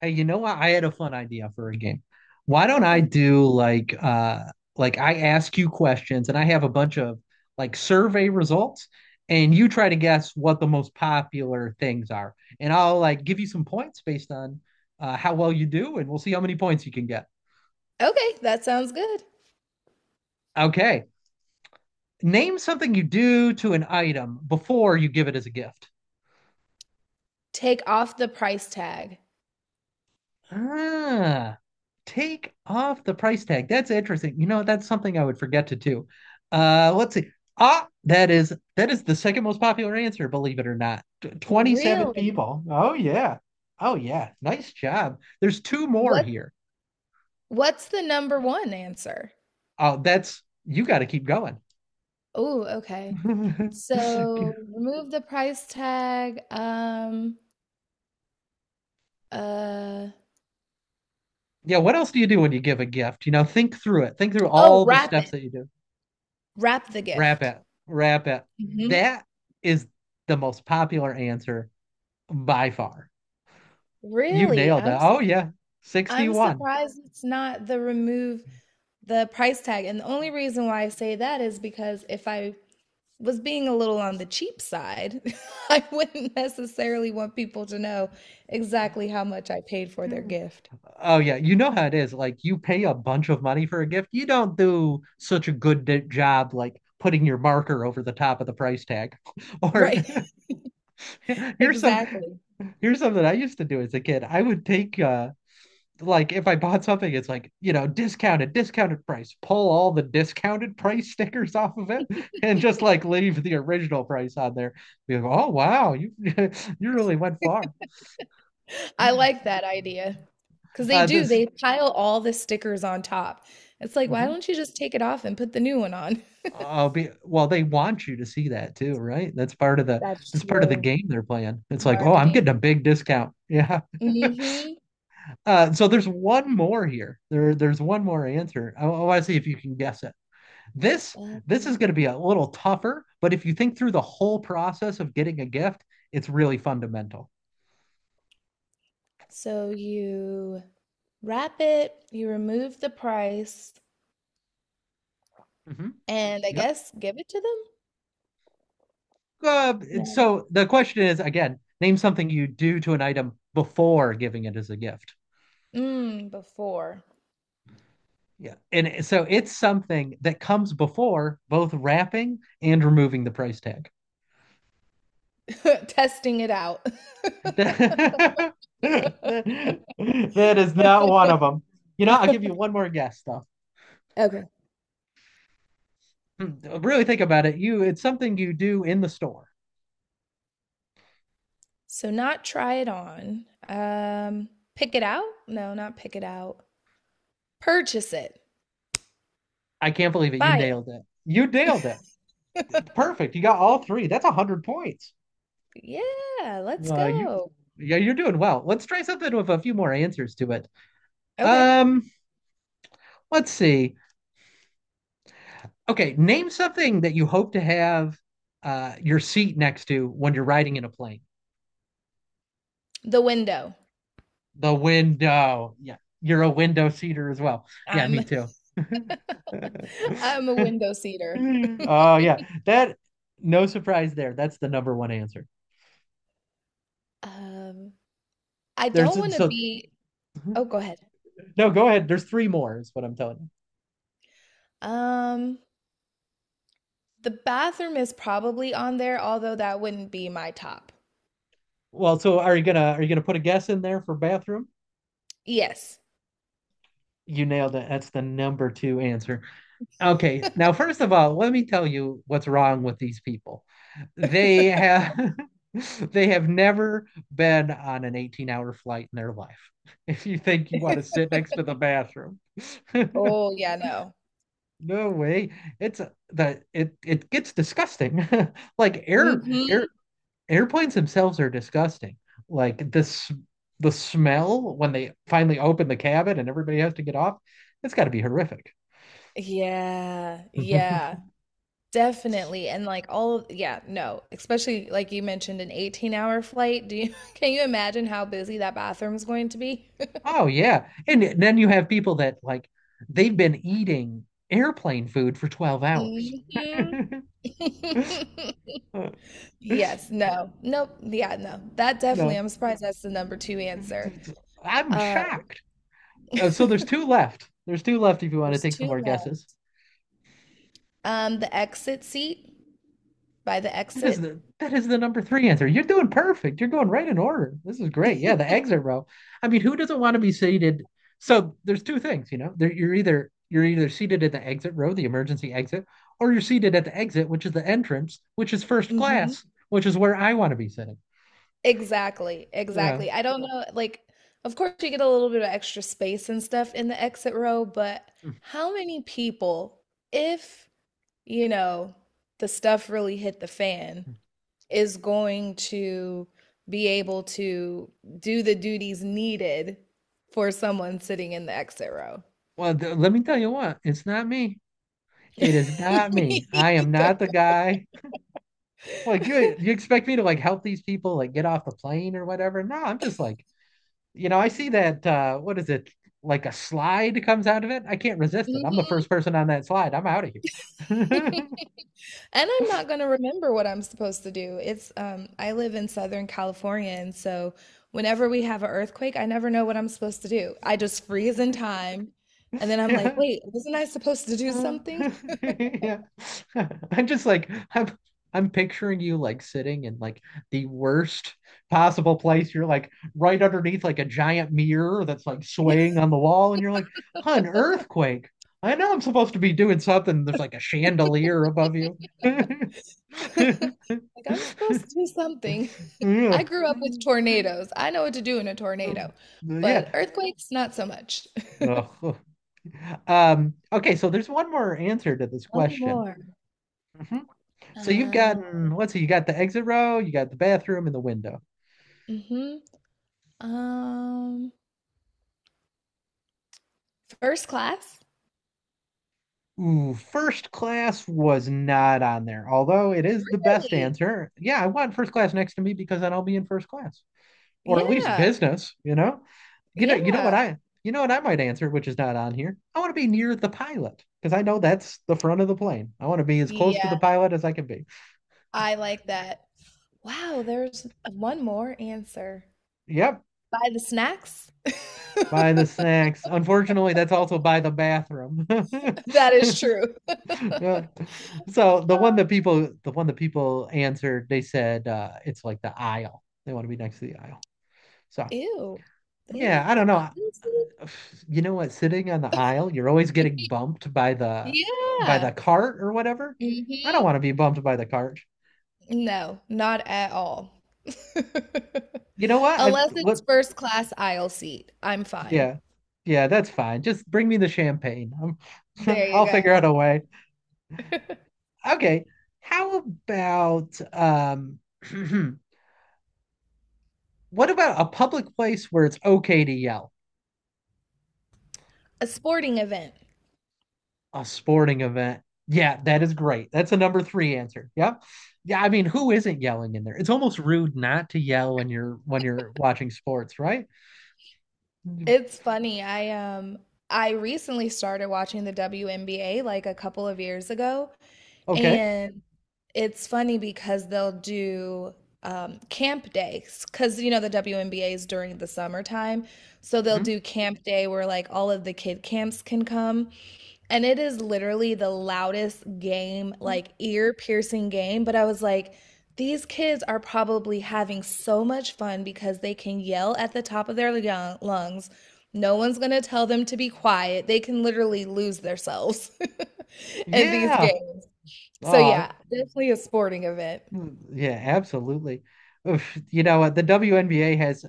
Hey, you know what? I had a fun idea for a game. Why don't I Okay. do like like I ask you questions and I have a bunch of like survey results, and you try to guess what the most popular things are. And I'll like give you some points based on how well you do, and we'll see how many points you can get. Okay, that sounds good. Okay. Name something you do to an item before you give it as a gift. Take off the price tag. Ah, take off the price tag. That's interesting. You know, that's something I would forget to do. Let's see. Ah, that is the second most popular answer, believe it or not. 27 Really? people. Oh yeah. Oh yeah. Nice job. There's two more What here. what's the number one answer? Oh, that's you got to keep going. Oh, okay. So remove the price tag. Uh Yeah, what else do you do when you give a gift? You know, think through it. Think through oh, all the wrap steps it. that you do. Wrap the Wrap gift. it. Wrap it. Hmm. That is the most popular answer by far. You Really? nailed it. Oh yeah, I'm 61. surprised it's not the remove the price tag. And the only reason why I say that is because if I was being a little on the cheap side. I wouldn't necessarily want people to know exactly how much I paid for their Hmm. gift. Oh yeah, you know how it is. Like you pay a bunch of money for a gift, you don't do such a job like putting your marker over the top of the price tag. Or Right. here's some Exactly. here's something I used to do as a kid. I would take like if I bought something, it's like, you know, discounted, discounted price. Pull all the discounted price stickers off of it and just like leave the original price on there. Be like, oh wow, you you really went far. I like that idea. Because they do, This they pile all the stickers on top. It's like, why mhm. don't you just take it off and put the new one on? I'll be well, they want you to see that too, right? That's That's part of the true. game they're playing. It's like, oh, I'm Marketing. getting a big discount. Yeah. Hmm. So there's one more here. There's one more answer. I want to see if you can guess it. This this is going to be a little tougher, but if you think through the whole process of getting a gift, it's really fundamental. So you wrap it, you remove the price, Mhm. and I Yep. guess give it to them? Uh, No. so the question is again, name something you do to an item before giving it as a gift. Before. Yeah. And so it's something that comes before both wrapping and removing the price tag. Testing it out. That is not one of them. You know, I'll give you one more guess though. Okay. Hmm, really think about it. You, it's something you do in the store. So not try it on. Pick it out? No, not pick it out. Purchase it. I can't believe it. You Buy nailed it. You nailed it. Perfect. You got all three. That's 100 points. it. Yeah, let's Uh, you, go. yeah, you're doing well. Let's try something with a few more answers to it. Okay. Um, let's see. Okay, name something that you hope to have your seat next to when you're riding in a plane. The window. The window. Yeah, you're a window seater as well. Yeah, I'm me too. I'm a window seater. Oh yeah, that no surprise there. That's the number one answer. um I don't want There's to so be. Oh, go ahead. no, go ahead. There's three more is what I'm telling you. Um the bathroom is probably on there, although that wouldn't be my top. Well, so are you gonna put a guess in there for bathroom? Yes. You nailed it. That's the number two answer. Okay, now first of all, let me tell you what's wrong with these people. They have they have never been on an 18-hour flight in their life. If you think you want to sit next to the bathroom. Oh, yeah, no. No way. It's the it it gets disgusting. Like Hmm. airplanes themselves are disgusting. Like this The smell when they finally open the cabin and everybody has to get off, it's got to be horrific. Yeah, yeah, definitely. And like all of, yeah, no, especially like you mentioned an 18-hour flight. Do you can you imagine how busy that bathroom's going to be? Oh yeah. And then you have people that like they've been eating airplane food for 12 hours. Hmm. Yes, no. Nope. Yeah, no. That definitely, No. I'm surprised that's the number two answer. I'm Uh shocked. So there's two left. There's two left if you want to there's take some two more guesses. left. The exit seat by the That is exit. The number three answer. You're doing perfect. You're going right in order. This is great. Yeah, the eggs are row. I mean, who doesn't want to be seated? So there's two things, you know. There, you're either seated at the exit row, the emergency exit, or you're seated at the exit, which is the entrance, which is first Mhm. class, which is where I want to be sitting. Exactly, Yeah. exactly. I don't, yeah, know, like, of course you get a little bit of extra space and stuff in the exit row, but Mm. how many people, if, you know, the stuff really hit the fan, is going to be able to do the duties needed for someone sitting in the exit row? Well, let me tell you what, it's not me. It is not me. Me I am not either. the guy. Like you expect me to like help these people like get off the plane or whatever? No, I'm just like, you know, I see that what is it? Like a slide comes out of it. I can't resist it. I'm the Mhm. first person on that slide. I'm out of here. And I'm not going to remember what I'm supposed to do. It's I live in Southern California, and so whenever we have an earthquake, I never know what I'm supposed to do. I just freeze in time and then I'm like, Yeah. "Wait, wasn't I supposed to do Uh, something?" yeah. I'm just like I'm picturing you like sitting in like the worst possible place. You're like right underneath like a giant mirror that's like swaying on the wall, and you're like, huh, an earthquake. I know I'm supposed to be doing something. There's like a chandelier above you. Like I'm supposed to do something. I Yeah. grew up with tornadoes. I know what to do in a tornado. Yeah. But earthquakes, not so much. Ugh. Okay, so there's one more answer to this One question. more. So you've Um, gotten, let's see, you got the exit row, you got the bathroom and the window. mhm. Um, First class? Ooh, first class was not on there, although it is the best Really? answer. Yeah, I want first class next to me because then I'll be in first class, or at least Yeah. business, you know? You know, Yeah. You know what I might answer, which is not on here. I want to be near the pilot because I know that's the front of the plane. I want to be as close to the Yeah. pilot as I can be. I like that. Wow, there's one more answer. Yep, Buy the snacks? by the snacks. Unfortunately, that's also by the bathroom. That is true. Yeah. So Uh, the one that people answered, they said it's like the aisle. They want to be next to the aisle. So Ew, they yeah, want I the don't know. honesty? You know what? Sitting on the aisle, you're always getting bumped by Yeah. the cart or whatever. I don't Hmm. want to be bumped by the cart. No, not at all. You know what? I Unless it's what first class aisle seat, I'm fine. Yeah. Yeah, that's fine. Just bring me the champagne. I'm, There you I'll figure go. out a way. Okay. How about what about a public place where it's okay to yell? A sporting event. A sporting event. Yeah, that is great. That's a number three answer. Yep. Yeah, I mean, who isn't yelling in there? It's almost rude not to yell when you're watching sports, right? Mm, It's funny. Um I recently started watching the WNBA like a couple of years ago. okay. And it's funny because they'll do camp days because the WNBA is during the summertime, so they'll Hmm. do camp day where like all of the kid camps can come, and it is literally the loudest game, like ear-piercing game. But I was like, these kids are probably having so much fun because they can yell at the top of their lungs. No one's gonna tell them to be quiet. They can literally lose themselves in these Yeah. games. So Uh, yeah, definitely a sporting event. yeah, absolutely. Oof, you know, the WNBA has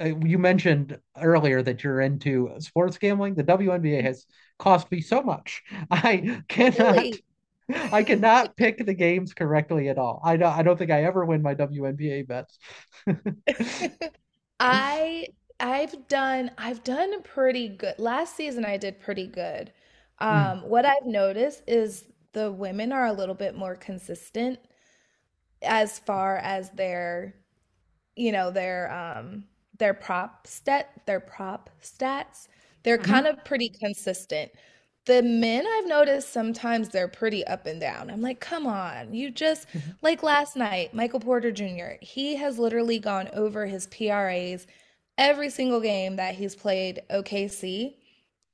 you mentioned earlier that you're into sports gambling. The WNBA has cost me so much. I cannot, Really, I cannot pick the games correctly at all. I don't think I ever win my WNBA bets. I I've done pretty good. Last season I did pretty good. Mm. What I've noticed is the women are a little bit more consistent as far as you know their um their prop stats. They're kind Mhm. of pretty consistent. The men, I've noticed, sometimes they're pretty up and down. I'm like, come on, you just, Mhm. like last night, Michael Porter Jr. he has literally gone over his pras every single game that he's played. OKC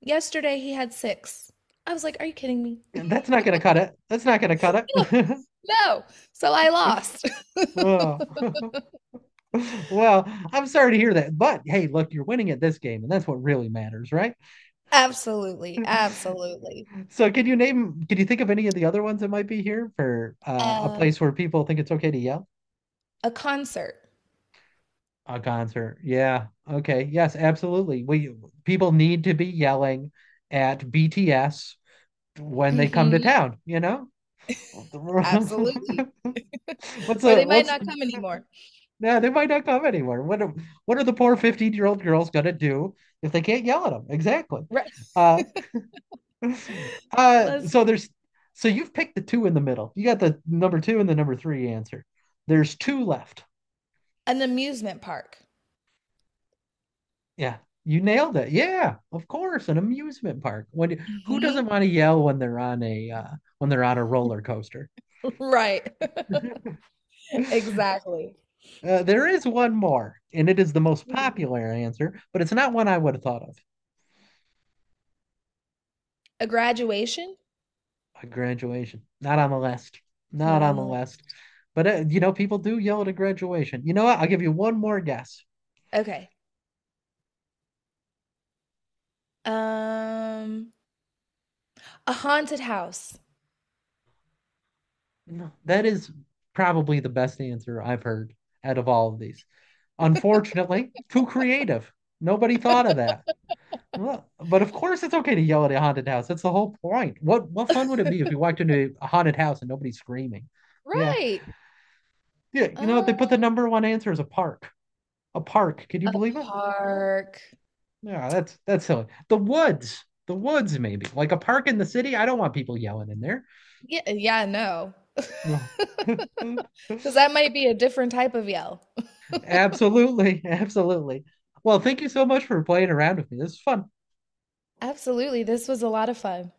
yesterday he had six. I was like, are you kidding me? That's not going to cut it. That's not going to cut No, it. no. So I lost. Oh. Well, I'm sorry to hear that, but hey, look, you're winning at this game, and that's what really matters, right? Absolutely, absolutely. So, can you think of any of the other ones that might be here for a um place where people think it's okay to yell? A concert. A concert. Yeah. Okay. Yes, absolutely. We People need to be yelling at BTS when they come Mhm, to town, you know? What's absolutely. Or a they might what's not come anymore. yeah, they might not come anywhere. What are the poor 15-year-old girls gonna do if they can't yell at them? Exactly. Right. Uh Let's so there's So you've picked the two in the middle. You got the number two and the number three answer. There's two left. An amusement park. Yeah, you nailed it. Yeah, of course, an amusement park. Who doesn't Mhm. want to yell when they're on a when they're on a roller coaster? Right. Exactly. There is one more, and it is the most popular answer, but it's not one I would have thought of. A graduation? A graduation, not on the list, Not not on on the the list. list. But you know, people do yell at a graduation. You know what? I'll give you one more guess. Okay. Um, a haunted house. No, that is probably the best answer I've heard out of all of these. Unfortunately, too creative. Nobody thought of that. Well, but of course it's okay to yell at a haunted house. That's the whole point. What fun would it be if you walked into a haunted house and nobody's screaming? Yeah. Right. Yeah, you know, they Um, put the number one answer as a park. A park. Can you a believe it? park. Yeah, that's silly. The woods. The woods maybe. Like a park in the city. I don't want people yelling in there. Yeah, yeah, no. No. Because that might be a different type of yell. Absolutely. Absolutely. Well, thank you so much for playing around with me. This is fun. Absolutely. This was a lot of fun.